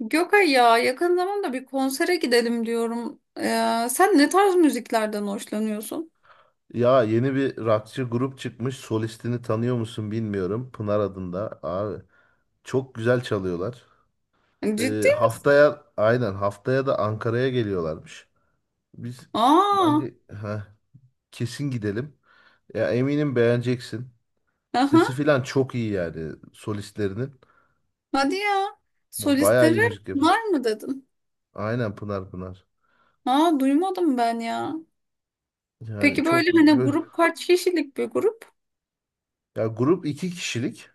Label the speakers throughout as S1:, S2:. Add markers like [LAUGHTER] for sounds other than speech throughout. S1: Gökay ya yakın zamanda bir konsere gidelim diyorum. Sen ne tarz müziklerden hoşlanıyorsun?
S2: Ya yeni bir rockçı grup çıkmış. Solistini tanıyor musun bilmiyorum. Pınar adında abi. Çok güzel çalıyorlar.
S1: Ciddi mi?
S2: Haftaya aynen, haftaya da Ankara'ya geliyorlarmış. Biz
S1: Aa,
S2: bence kesin gidelim. Ya eminim beğeneceksin. Sesi
S1: aha,
S2: filan çok iyi yani solistlerinin.
S1: hadi ya.
S2: Bayağı
S1: Solistleri
S2: iyi müzik yapıyor.
S1: var mı dedin?
S2: Aynen, Pınar Pınar.
S1: Aa, duymadım ben ya.
S2: Yani
S1: Peki böyle hani grup kaç kişilik bir grup?
S2: ya grup iki kişilik.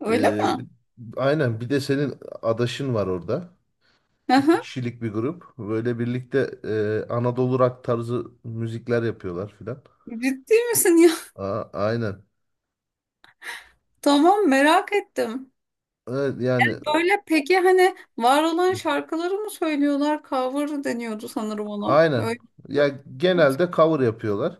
S1: Öyle
S2: Ee,
S1: mi?
S2: bir- aynen, bir de senin adaşın var orada. İki
S1: Aha,
S2: kişilik bir grup. Böyle birlikte Anadolu rock tarzı müzikler yapıyorlar filan.
S1: ciddi misin ya?
S2: Aynen.
S1: [LAUGHS] Tamam, merak ettim.
S2: Evet, yani
S1: Böyle peki hani var olan şarkıları mı söylüyorlar? Cover deniyordu sanırım ona.
S2: aynen.
S1: Öyle mi?
S2: Ya genelde cover yapıyorlar.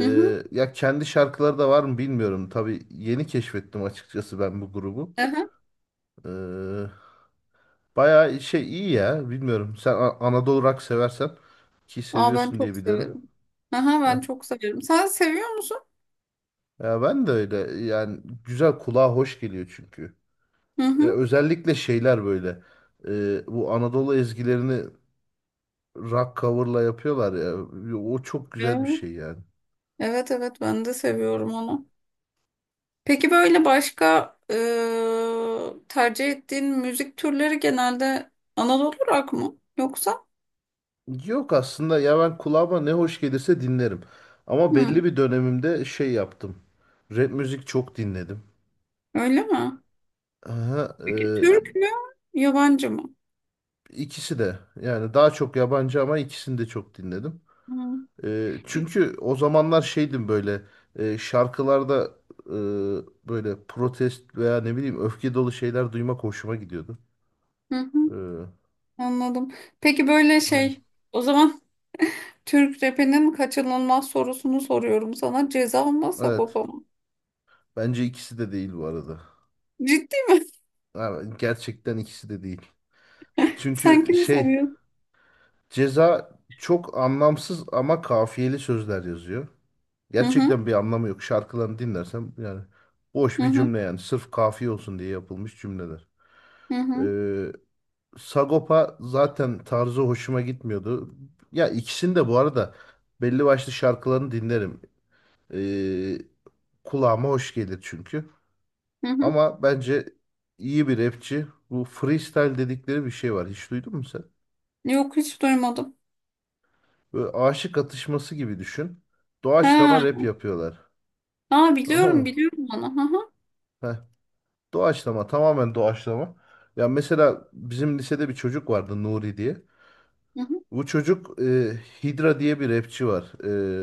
S1: Hı hı.
S2: Ya kendi şarkıları da var mı bilmiyorum. Tabii yeni keşfettim açıkçası ben bu grubu.
S1: Aha.
S2: Ee, Bayağı şey iyi ya. Bilmiyorum. Sen Anadolu rock seversen ki
S1: Aa ben
S2: seviyorsun diye
S1: çok
S2: biliyorum.
S1: severim. Aha
S2: Heh.
S1: ben çok severim. Sen seviyor musun?
S2: Ya ben de öyle. Yani güzel, kulağa hoş geliyor çünkü.
S1: Hı hı.
S2: Özellikle şeyler böyle, bu Anadolu ezgilerini rock cover'la yapıyorlar ya. O çok güzel bir
S1: Evet.
S2: şey yani.
S1: Evet evet ben de seviyorum onu. Peki böyle başka tercih ettiğin müzik türleri genelde Anadolu rock mı? Yoksa?
S2: Yok aslında, ya ben kulağıma ne hoş gelirse dinlerim. Ama
S1: Hı.
S2: belli bir dönemimde şey yaptım. Rap müzik çok dinledim.
S1: Öyle mi?
S2: Aha,
S1: Peki Türk mü? Yabancı mı?
S2: ikisi de yani, daha çok yabancı ama ikisini de çok dinledim.
S1: Hı.
S2: Çünkü o zamanlar şeydim böyle, şarkılarda e, böyle protest veya ne bileyim öfke dolu şeyler duymak hoşuma gidiyordu.
S1: Hı hı.
S2: Ee,
S1: Anladım. Peki böyle
S2: aynen.
S1: şey, o zaman Türk rapinin kaçınılmaz sorusunu soruyorum sana. Ceza mı,
S2: Evet.
S1: Sagopa mı?
S2: Bence ikisi de değil bu arada.
S1: Ciddi mi?
S2: Yani gerçekten ikisi de değil.
S1: [LAUGHS] Sen
S2: Çünkü
S1: kimi
S2: şey,
S1: seviyorsun?
S2: Ceza çok anlamsız ama kafiyeli sözler yazıyor.
S1: Hı hı.
S2: Gerçekten bir anlamı yok. Şarkılarını dinlersem yani, boş
S1: Hı
S2: bir
S1: hı,
S2: cümle yani. Sırf kafiye olsun diye yapılmış cümleler.
S1: hı hı,
S2: Ee, Sagopa zaten tarzı hoşuma gitmiyordu. Ya ikisini de bu arada belli başlı şarkılarını dinlerim. Ee, Kulağıma hoş gelir çünkü.
S1: hı hı.
S2: Ama bence iyi bir rapçi. Bu freestyle dedikleri bir şey var. Hiç duydun mu sen?
S1: Yok, hiç duymadım.
S2: Böyle aşık atışması gibi düşün. Doğaçlama
S1: Ha,
S2: rap yapıyorlar.
S1: ha
S2: [LAUGHS] Tamam
S1: biliyorum
S2: mı?
S1: biliyorum onu. Hı hı,
S2: Heh. Doğaçlama, tamamen doğaçlama. Ya mesela bizim lisede bir çocuk vardı, Nuri diye.
S1: hı hı.
S2: Bu çocuk Hydra diye bir rapçi var,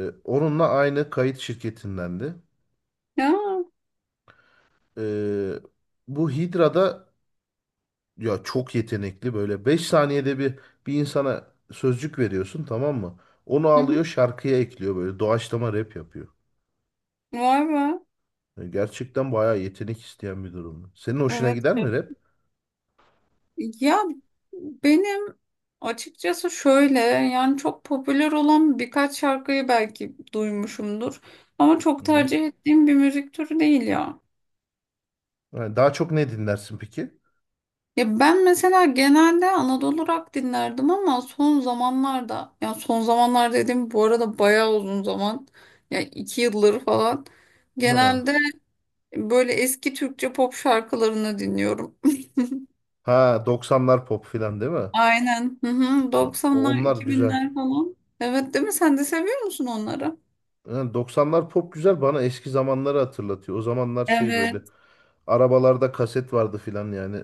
S2: Onunla aynı kayıt şirketindendi.
S1: Ya,
S2: E, Bu Hydra'da, ya çok yetenekli, böyle 5 saniyede bir insana sözcük veriyorsun, tamam mı? Onu
S1: hı hı.
S2: alıyor, şarkıya ekliyor, böyle doğaçlama rap yapıyor.
S1: Vay be.
S2: Yani gerçekten bayağı yetenek isteyen bir durum. Senin hoşuna
S1: Evet.
S2: gider mi
S1: Evet.
S2: rap?
S1: Ya benim açıkçası şöyle, yani çok popüler olan birkaç şarkıyı belki duymuşumdur. Ama
S2: Hı
S1: çok
S2: hı.
S1: tercih ettiğim bir müzik türü değil ya.
S2: Yani daha çok ne dinlersin peki?
S1: Ya ben mesela genelde Anadolu rock dinlerdim ama son zamanlarda, ya son zamanlar dediğim bu arada bayağı uzun zaman, ya iki yılları falan,
S2: Ha,
S1: genelde böyle eski Türkçe pop şarkılarını dinliyorum.
S2: ha, 90'lar pop filan değil mi?
S1: [LAUGHS] Aynen. Hı hı.
S2: Ha,
S1: 90'lar,
S2: onlar güzel.
S1: 2000'ler falan. Evet, değil mi? Sen de seviyor musun onları?
S2: Ha, 90'lar pop güzel, bana eski zamanları hatırlatıyor. O zamanlar şey böyle,
S1: Evet.
S2: arabalarda kaset vardı filan yani.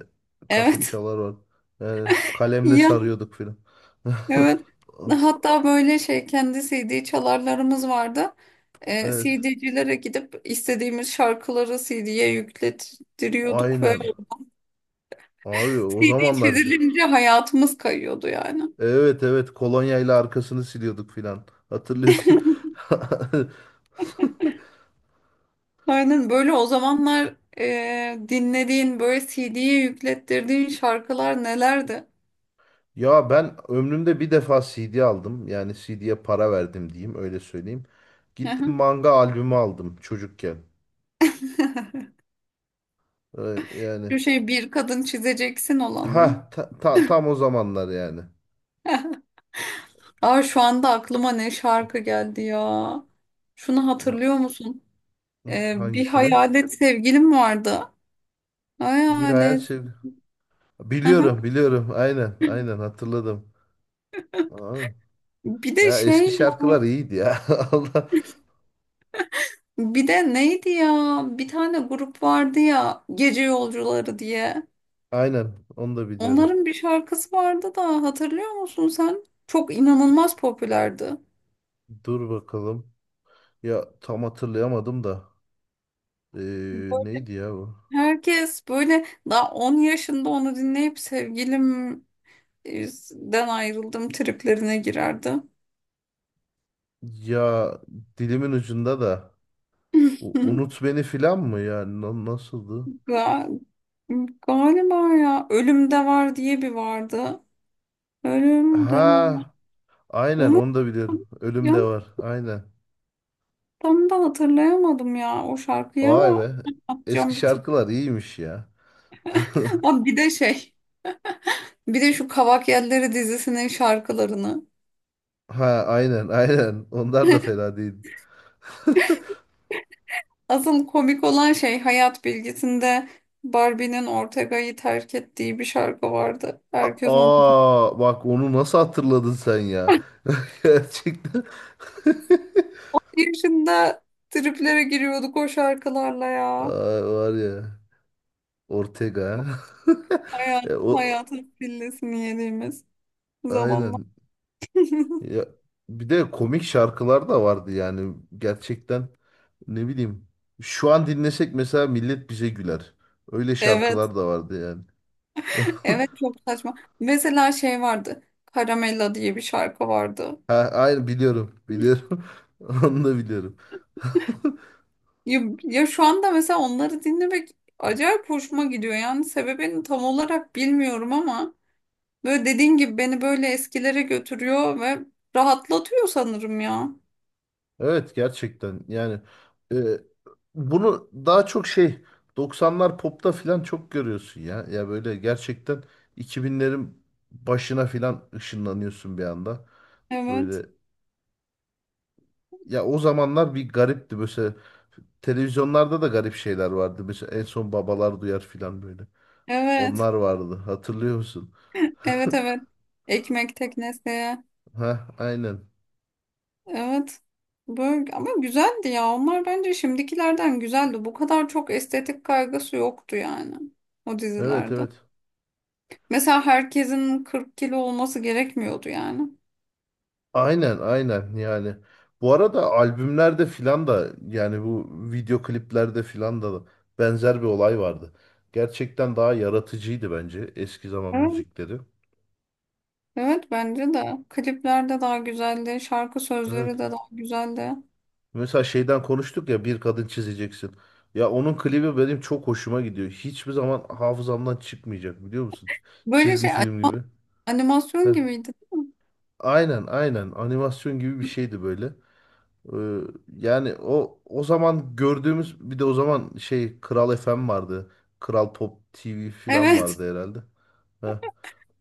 S2: Kaset
S1: Evet.
S2: çalar var. Yani
S1: [LAUGHS]
S2: kalemle
S1: Ya,
S2: sarıyorduk filan. [LAUGHS]
S1: evet. Hatta böyle şey, kendi CD çalarlarımız vardı.
S2: Evet.
S1: CD'cilere gidip istediğimiz şarkıları CD'ye yüklettiriyorduk ve
S2: Aynen. Abi, o
S1: CD
S2: zamanlar,
S1: çizilince hayatımız kayıyordu yani.
S2: evet, evet, kolonyayla arkasını siliyorduk filan. Hatırlıyorsun. [LAUGHS]
S1: Aynen böyle, o zamanlar dinlediğin, böyle CD'ye yüklettirdiğin şarkılar nelerdi?
S2: Ya ben ömrümde bir defa CD aldım. Yani CD'ye para verdim diyeyim, öyle söyleyeyim. Gittim,
S1: Aha.
S2: manga albümü aldım çocukken.
S1: [LAUGHS]
S2: Yani
S1: Şu şey, bir kadın çizeceksin olan mı?
S2: ha tam o zamanlar yani.
S1: Aa, şu anda aklıma ne şarkı geldi ya. Şunu
S2: Ha-
S1: hatırlıyor musun? Bir
S2: Hangisini?
S1: hayalet sevgilim vardı.
S2: Bir hayal
S1: Hayalet.
S2: şey.
S1: Aha.
S2: Biliyorum, biliyorum. Aynen, aynen hatırladım. Aa,
S1: Bir de
S2: ya eski
S1: şey,
S2: şarkılar iyiydi ya. [LAUGHS] Allah.
S1: bir de neydi ya? Bir tane grup vardı ya, Gece Yolcuları diye.
S2: Aynen, onu da biliyorum.
S1: Onların bir şarkısı vardı da, hatırlıyor musun sen? Çok inanılmaz popülerdi.
S2: Dur bakalım. Ya tam hatırlayamadım da.
S1: Böyle
S2: Neydi ya bu?
S1: herkes böyle daha 10 yaşında onu dinleyip sevgilimden ayrıldım triplerine girerdi.
S2: Ya dilimin ucunda da. Unut
S1: [LAUGHS]
S2: beni filan mı ya? Nasıldı?
S1: Ga- Galiba ya Ölümde Var diye bir vardı. Ölüm devam.
S2: Ha, aynen,
S1: Onu
S2: onu da biliyorum. Ölüm de var. Aynen.
S1: tam da hatırlayamadım ya o şarkıyı,
S2: Vay
S1: ama
S2: be. Eski
S1: atacağım bir tık.
S2: şarkılar iyiymiş ya. [LAUGHS]
S1: [LAUGHS] Aa, bir de şey, bir de şu Kavak Yelleri dizisinin şarkılarını.
S2: Ha, aynen, aynen. Onlar da fena değil. [LAUGHS]
S1: Asıl komik olan şey, Hayat Bilgisi'nde Barbie'nin Ortega'yı terk ettiği bir şarkı vardı. Herkes onu.
S2: Aa, bak, onu nasıl hatırladın sen ya? [LAUGHS] Gerçekten. [LAUGHS]
S1: Bir yaşında triplere giriyorduk o şarkılarla ya.
S2: Ay var ya, Ortega.
S1: Yok,
S2: [LAUGHS]
S1: Hayat,
S2: E, o
S1: hayatın pillesini yediğimiz zamanlar.
S2: Aynen.
S1: [LAUGHS]
S2: Ya, bir de komik şarkılar da vardı yani, gerçekten, ne bileyim. Şu an dinlesek mesela, millet bize güler. Öyle
S1: Evet.
S2: şarkılar da vardı yani.
S1: Evet, çok saçma. Mesela şey vardı. Caramella diye bir şarkı vardı.
S2: Ha, aynen, biliyorum, biliyorum. [LAUGHS] Onu da biliyorum.
S1: Ya, ya şu anda mesela onları dinlemek acayip hoşuma gidiyor. Yani sebebini tam olarak bilmiyorum ama böyle dediğin gibi beni böyle eskilere götürüyor ve rahatlatıyor sanırım ya.
S2: Evet, gerçekten yani, e, bunu daha çok şey, doksanlar popta filan çok görüyorsun ya. Ya böyle gerçekten, 2000'lerin başına filan ışınlanıyorsun bir anda.
S1: Evet.
S2: Böyle, ya o zamanlar bir garipti mesela, televizyonlarda da garip şeyler vardı. Mesela en son Babalar Duyar filan böyle.
S1: Evet.
S2: Onlar vardı, hatırlıyor musun?
S1: Evet evet. Ekmek teknesi.
S2: Ha, aynen.
S1: Evet. Böyle, ama güzeldi ya. Onlar bence şimdikilerden güzeldi. Bu kadar çok estetik kaygısı yoktu yani o
S2: Evet,
S1: dizilerde.
S2: evet.
S1: Mesela herkesin 40 kilo olması gerekmiyordu yani.
S2: Aynen, aynen yani. Bu arada albümlerde filan da yani, bu video kliplerde filan da benzer bir olay vardı. Gerçekten daha yaratıcıydı bence eski zaman
S1: Evet.
S2: müzikleri.
S1: Evet, bence de. Klipler de daha güzeldi. Şarkı
S2: Evet.
S1: sözleri de daha güzeldi.
S2: Mesela şeyden konuştuk ya, bir kadın çizeceksin. Ya onun klibi benim çok hoşuma gidiyor. Hiçbir zaman hafızamdan çıkmayacak, biliyor musun?
S1: Böyle
S2: Çizgi
S1: şey,
S2: film gibi.
S1: animasyon
S2: Heh.
S1: gibiydi değil mi?
S2: Aynen, aynen animasyon gibi bir şeydi böyle. Ee, Yani o zaman gördüğümüz, bir de o zaman şey, Kral FM vardı. Kral Pop TV falan
S1: Evet.
S2: vardı herhalde. Heh.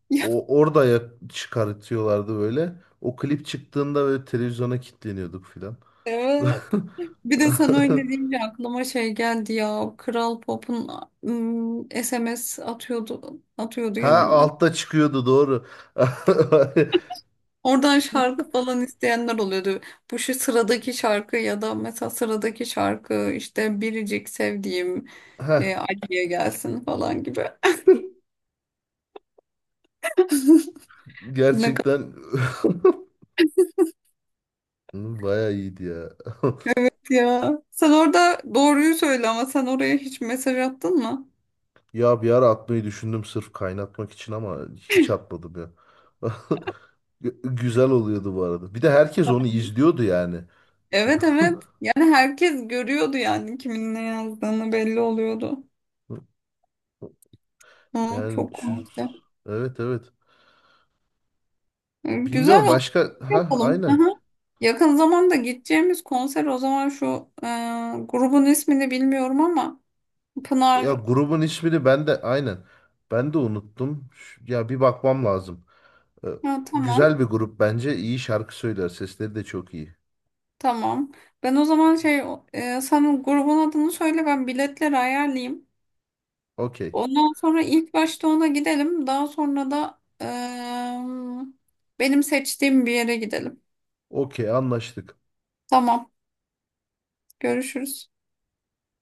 S1: [LAUGHS] Ya,
S2: O orada ya çıkartıyorlardı böyle. O klip çıktığında böyle televizyona kilitleniyorduk filan.
S1: evet.
S2: [LAUGHS]
S1: Bir de sana öyle deyince aklıma şey geldi ya. Kral Pop'un, SMS atıyordu. Atıyordu ya
S2: Ha,
S1: millet.
S2: altta çıkıyordu, doğru. [LAUGHS]
S1: Oradan şarkı falan isteyenler oluyordu. Bu şu sıradaki şarkı, ya da mesela sıradaki şarkı işte biricik sevdiğim
S2: Ha,
S1: Ali'ye gelsin falan gibi. [LAUGHS] Ne kadar
S2: gerçekten [LAUGHS] baya iyiydi ya. [LAUGHS]
S1: ya. Sen orada doğruyu söyle, ama sen oraya hiç mesaj attın mı?
S2: Ya, bir ara atmayı düşündüm sırf kaynatmak için ama hiç atmadım ya. [LAUGHS] Güzel oluyordu bu arada. Bir de herkes onu izliyordu yani.
S1: Evet evet. Yani herkes görüyordu, yani kimin ne yazdığını belli oluyordu. Hı,
S2: Yani
S1: çok komikti.
S2: evet, evet.
S1: Hı,
S2: Bilmiyorum
S1: güzel oldu.
S2: başka,
S1: Yapalım. Hı
S2: aynen.
S1: hı. Yakın zamanda gideceğimiz konser o zaman şu e, grubun ismini bilmiyorum ama,
S2: Ya
S1: Pınar.
S2: grubun ismini ben de aynen. Ben de unuttum. Ya bir bakmam lazım. Ee,
S1: Ha, tamam.
S2: Güzel bir grup bence. İyi şarkı söyler. Sesleri de çok iyi.
S1: Tamam. Ben o zaman şey, sen grubun adını söyle, ben biletleri ayarlayayım.
S2: Okey.
S1: Ondan sonra ilk başta ona gidelim. Daha sonra da benim seçtiğim bir yere gidelim.
S2: Okey, anlaştık.
S1: Tamam. Görüşürüz.